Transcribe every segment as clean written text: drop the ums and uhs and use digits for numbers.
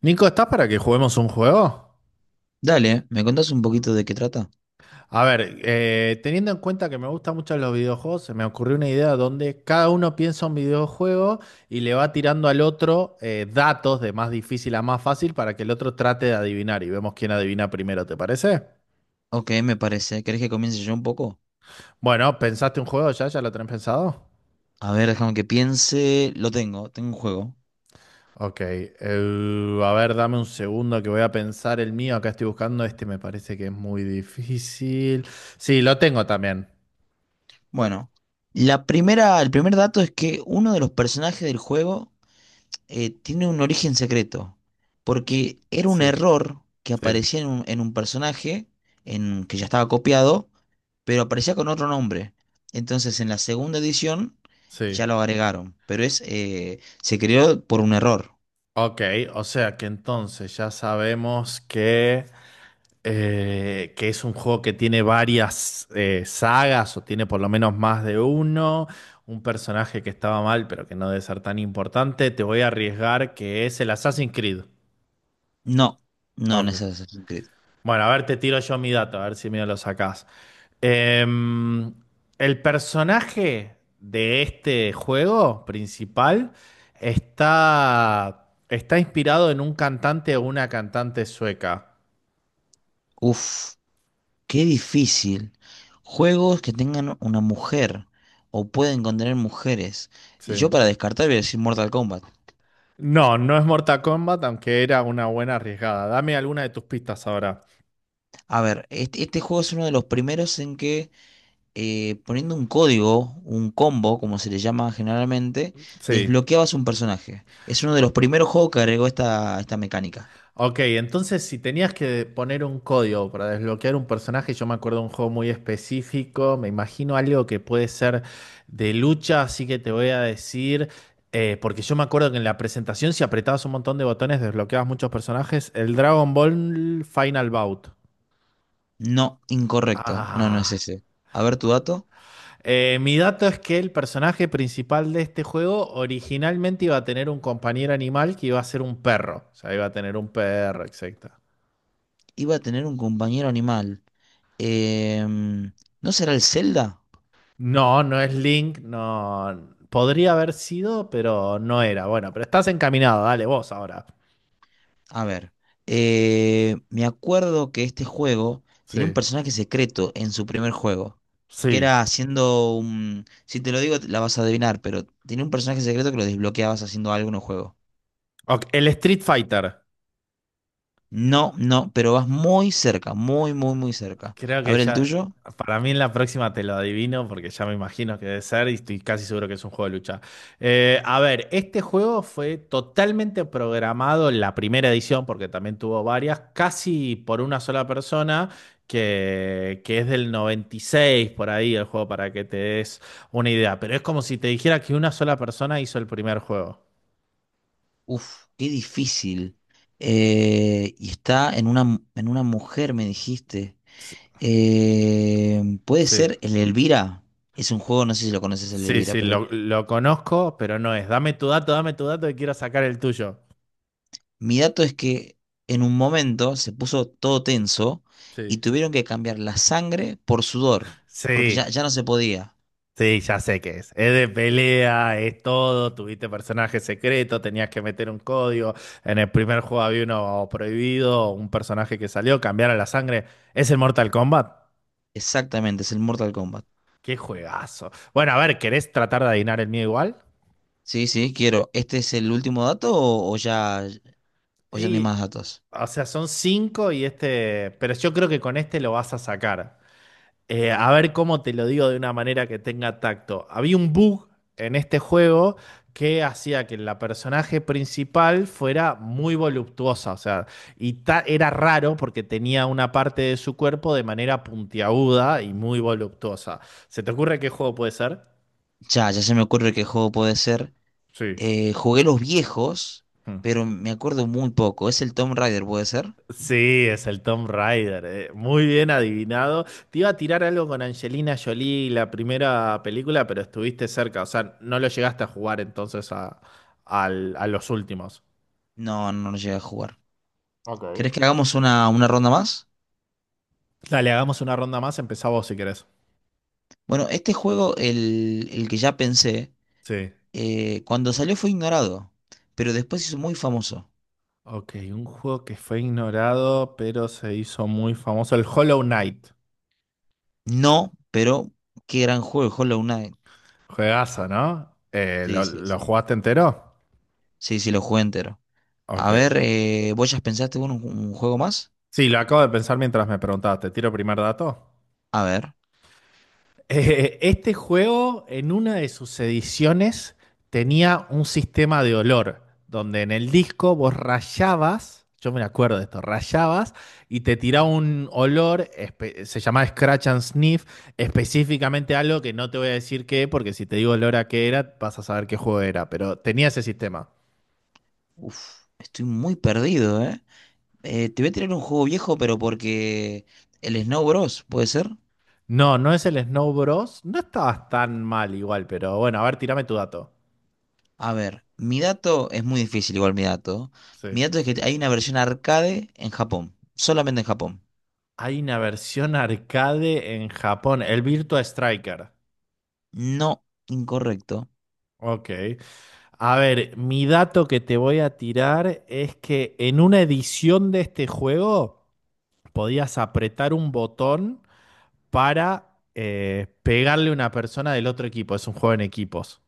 Nico, ¿estás para que juguemos un juego? Dale, ¿me contás un poquito de qué trata? A ver, teniendo en cuenta que me gustan mucho los videojuegos, se me ocurrió una idea donde cada uno piensa un videojuego y le va tirando al otro datos de más difícil a más fácil para que el otro trate de adivinar y vemos quién adivina primero, ¿te parece? Ok, me parece. ¿Querés que comience yo un poco? Bueno, ¿pensaste un juego ya? ¿Ya lo tenés pensado? A ver, déjame que piense. Lo tengo, tengo un juego. Ok, a ver, dame un segundo que voy a pensar el mío. Acá estoy buscando, este me parece que es muy difícil. Sí, lo tengo también. Bueno, el primer dato es que uno de los personajes del juego tiene un origen secreto, porque era un Sí, error que sí, aparecía en un personaje en, que ya estaba copiado, pero aparecía con otro nombre. Entonces, en la segunda edición sí. ya lo agregaron, pero es se creó por un error. Ok, o sea que entonces ya sabemos que es un juego que tiene varias sagas o tiene por lo menos más de uno, un personaje que estaba mal pero que no debe ser tan importante. Te voy a arriesgar que es el Assassin's Creed. No, no, no Ok. es así. Bueno, a ver, te tiro yo mi dato, a ver si me lo sacás. Em, el personaje de este juego principal está inspirado en un cantante o una cantante sueca. Uf, qué difícil. Juegos que tengan una mujer o pueden contener mujeres. Sí. Yo para descartar voy a decir Mortal Kombat. No, no es Mortal Kombat, aunque era una buena arriesgada. Dame alguna de tus pistas ahora. A ver, este juego es uno de los primeros en que poniendo un código, un combo, como se le llama generalmente, Sí. desbloqueabas un personaje. Es uno de los primeros juegos que agregó esta mecánica. Ok, entonces si tenías que poner un código para desbloquear un personaje, yo me acuerdo de un juego muy específico, me imagino algo que puede ser de lucha, así que te voy a decir, porque yo me acuerdo que en la presentación si apretabas un montón de botones desbloqueabas muchos personajes, el Dragon Ball Final Bout. No, incorrecto. No, no es Ah. ese. A ver tu dato. Mi dato es que el personaje principal de este juego originalmente iba a tener un compañero animal que iba a ser un perro, o sea, iba a tener un perro, exacto. Iba a tener un compañero animal. Em, ¿No será el Zelda? No, no es Link, no. Podría haber sido, pero no era. Bueno, pero estás encaminado, dale vos ahora. A ver, me acuerdo que este juego tenía un Sí. personaje secreto en su primer juego, que Sí. era haciendo un... Si te lo digo, la vas a adivinar, pero tenía un personaje secreto que lo desbloqueabas haciendo algo en un juego. Ok, el Street Fighter. No, no, pero vas muy cerca, muy, muy, muy cerca. Creo A que ver, el ya, tuyo. para mí en la próxima te lo adivino porque ya me imagino que debe ser y estoy casi seguro que es un juego de lucha. A ver, este juego fue totalmente programado en la primera edición, porque también tuvo varias, casi por una sola persona, que es del 96 por ahí el juego para que te des una idea. Pero es como si te dijera que una sola persona hizo el primer juego. Uf, qué difícil. Y está en una, mu- en una mujer, me dijiste. S- ¿Puede Sí, ser el Elvira? Es un juego, no sé si lo conoces, el sí, Elvira, sí, pero... lo conozco, pero no es. Dame tu dato y quiero sacar el tuyo. Mi dato es que en un momento se puso todo tenso y Sí. tuvieron que cambiar la sangre por sudor, porque Sí, ya no se podía. sí, ya sé qué es. Es de pelea, es todo. Tuviste personajes secretos, tenías que meter un código. En el primer juego había uno prohibido, un personaje que salió, cambiar a la sangre. ¿Es el Mortal Kombat? Exactamente, es el Mortal Kombat. ¡Qué juegazo! Bueno, a ver, ¿querés tratar de adivinar el mío igual? Sí, sí, quiero. ¿Este es el último dato o o ya no hay Y, más datos? o sea, son cinco y este. Pero yo creo que con este lo vas a sacar. A ver cómo te lo digo de una manera que tenga tacto. Había un bug en este juego que hacía que la personaje principal fuera muy voluptuosa, o sea, y era raro porque tenía una parte de su cuerpo de manera puntiaguda y muy voluptuosa. ¿Se te ocurre qué juego puede ser? Ya se me ocurre qué juego puede ser. Sí. Jugué los viejos, Mm. pero me acuerdo muy poco. ¿Es el Tomb Raider, puede ser? Sí, es el Tom Raider. Eh. Muy bien adivinado. Te iba a tirar algo con Angelina Jolie, la primera película, pero estuviste cerca. O sea, no lo llegaste a jugar entonces a, a los últimos. No, no lo llegué a jugar. Ok. ¿Querés que hagamos una ronda más? Dale, hagamos una ronda más. Empezá vos si querés. Bueno, este juego, el que ya pensé. Sí. Eh, cuando salió fue ignorado, pero después se hizo muy famoso. Ok, un juego que fue ignorado, pero se hizo muy famoso. El Hollow Knight. No, pero qué gran juego, Hollow Knight. Juegazo, ¿no? Sí, sí, Lo sí. jugaste entero? Sí, sí, lo jugué entero. A Ok. ver, ¿vos ya pensaste en un juego más? Sí, lo acabo de pensar mientras me preguntabas. ¿Te tiro primer dato? A ver. Este juego, en una de sus ediciones, tenía un sistema de olor, donde en el disco vos rayabas, yo me acuerdo de esto, rayabas y te tiraba un olor, se llamaba Scratch and Sniff, específicamente algo que no te voy a decir qué, porque si te digo olor a qué era, vas a saber qué juego era, pero tenía ese sistema. Uf, estoy muy perdido, ¿eh? Te voy a tirar un juego viejo, pero porque el Snow Bros, ¿puede ser? No, no es el Snow Bros. No estabas tan mal igual, pero bueno, a ver, tirame tu dato. A ver, mi dato es muy difícil, igual mi dato. Sí. Mi dato es que hay una versión arcade en Japón, solamente en Japón. Hay una versión arcade en Japón, el Virtua Striker. No, incorrecto. Ok. A ver, mi dato que te voy a tirar es que en una edición de este juego podías apretar un botón para pegarle a una persona del otro equipo. Es un juego en equipos.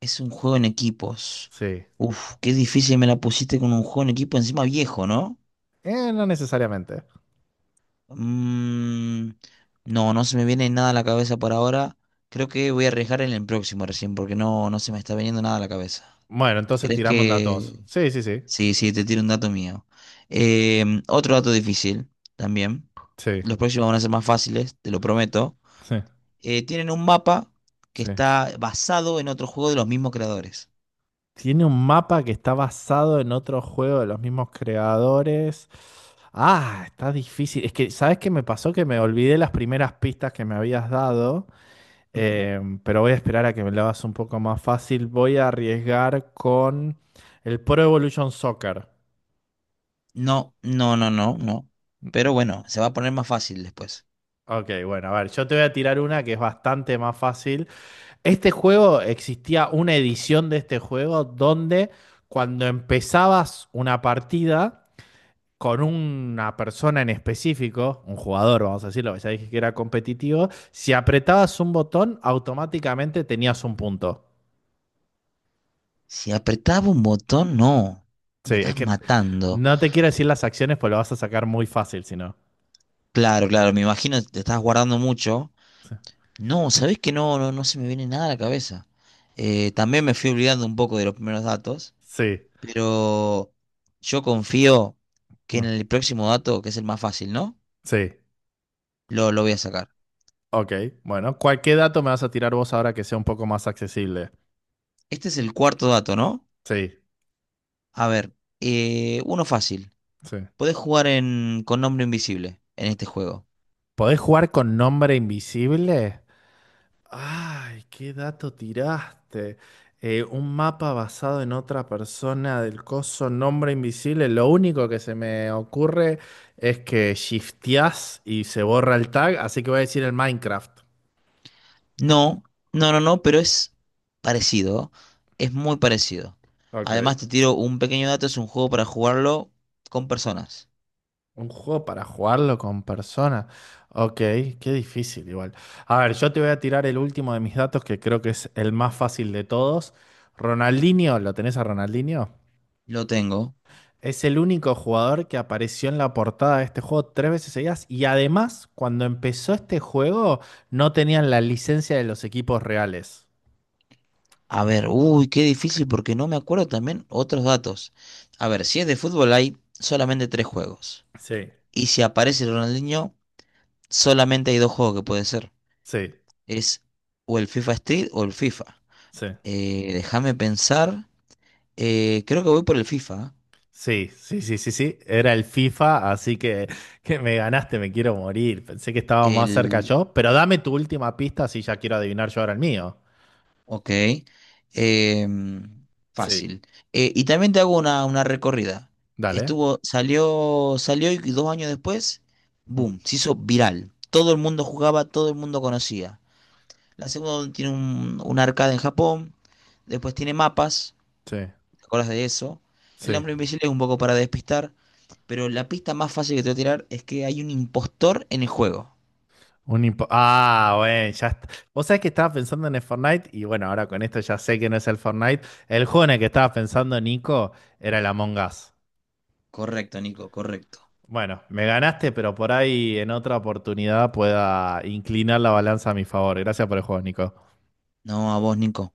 Es un juego en equipos. Sí. Uf, qué difícil me la pusiste con un juego en equipo encima viejo, ¿no? No necesariamente. Mm, no, no se me viene nada a la cabeza por ahora. Creo que voy a arriesgar en el próximo recién porque no, no se me está viniendo nada a la cabeza. Bueno, entonces ¿Crees tiramos datos. que...? Sí, sí, sí. Sí, sí, te tiro un dato mío. Otro dato difícil también. Sí, Los próximos van a ser más fáciles, te lo prometo. sí, Tienen un mapa que sí. está basado en otro juego de los mismos creadores. Tiene un mapa que está basado en otro juego de los mismos creadores. Ah, está difícil. Es que, ¿sabes qué me pasó? Que me olvidé las primeras pistas que me habías dado, pero voy a esperar a que me lo hagas un poco más fácil. Voy a arriesgar con el Pro Evolution Soccer. No, no, no, no, no. Pero bueno, se va a poner más fácil después. Ok, bueno, a ver, yo te voy a tirar una que es bastante más fácil. Este juego, existía una edición de este juego donde cuando empezabas una partida con una persona en específico, un jugador, vamos a decirlo, ya dije que era competitivo, si apretabas un botón, automáticamente tenías un punto. Si apretaba un botón, no. Sí, Me es estás sí que matando. no te quiero decir las acciones, pues lo vas a sacar muy fácil, si no. Claro, claro, me imagino te estás guardando mucho. No, ¿sabés que no, no, no se me viene nada a la cabeza? También me fui olvidando un poco de los primeros datos, Sí, pero yo confío que en mm, el próximo dato, que es el más fácil, ¿no? sí, Lo voy a sacar. ok. Bueno, cualquier dato me vas a tirar vos ahora que sea un poco más accesible. Este es el cuarto dato, ¿no? Sí, A ver, uno fácil. sí. Podés jugar en, con nombre invisible en este juego. ¿Podés jugar con nombre invisible? Ay, qué dato tiraste. Un mapa basado en otra persona del coso nombre invisible. Lo único que se me ocurre es que shifteás y se borra el tag, así que voy a decir el Minecraft. No, no, no, no, pero es parecido. Es muy parecido. Ok. Además, te tiro un pequeño dato, es un juego para jugarlo con personas. Un juego para jugarlo con personas. Ok, qué difícil igual. A ver, yo te voy a tirar el último de mis datos que creo que es el más fácil de todos. Ronaldinho, ¿lo tenés a Ronaldinho? Lo tengo. Es el único jugador que apareció en la portada de este juego tres veces seguidas. Y además, cuando empezó este juego, no tenían la licencia de los equipos reales. A ver, uy, qué difícil porque no me acuerdo también otros datos. A ver, si es de fútbol hay solamente 3 juegos. Sí, Y si aparece Ronaldinho, solamente hay 2 juegos que puede ser. sí, Es o el FIFA Street o el FIFA. sí. Déjame pensar. Creo que voy por el FIFA. Sí, sí, sí, sí, sí. Era el FIFA, así que me ganaste, me quiero morir. Pensé que estaba ¿Eh? más cerca El yo, pero dame tu última pista si ya quiero adivinar yo ahora el mío. ok. Em, Sí, fácil. Y también te hago una recorrida. dale. Estuvo, salió y 2 años después, Mm, boom, se hizo viral. Todo el mundo jugaba, todo el mundo conocía. La segunda tiene un arcade en Japón, después tiene mapas, sí, ¿te acuerdas de eso? El sí. hombre invisible es un poco para despistar, pero la pista más fácil que te voy a tirar es que hay un impostor en el juego. Ah, bueno, ya está. Vos sabés que estaba pensando en el Fortnite y bueno, ahora con esto ya sé que no es el Fortnite. El juego en el que estaba pensando, Nico, era el Among Us. Correcto, Nico, correcto. Bueno, me ganaste, pero por ahí en otra oportunidad pueda inclinar la balanza a mi favor. Gracias por el juego, Nico. No, a vos, Nico.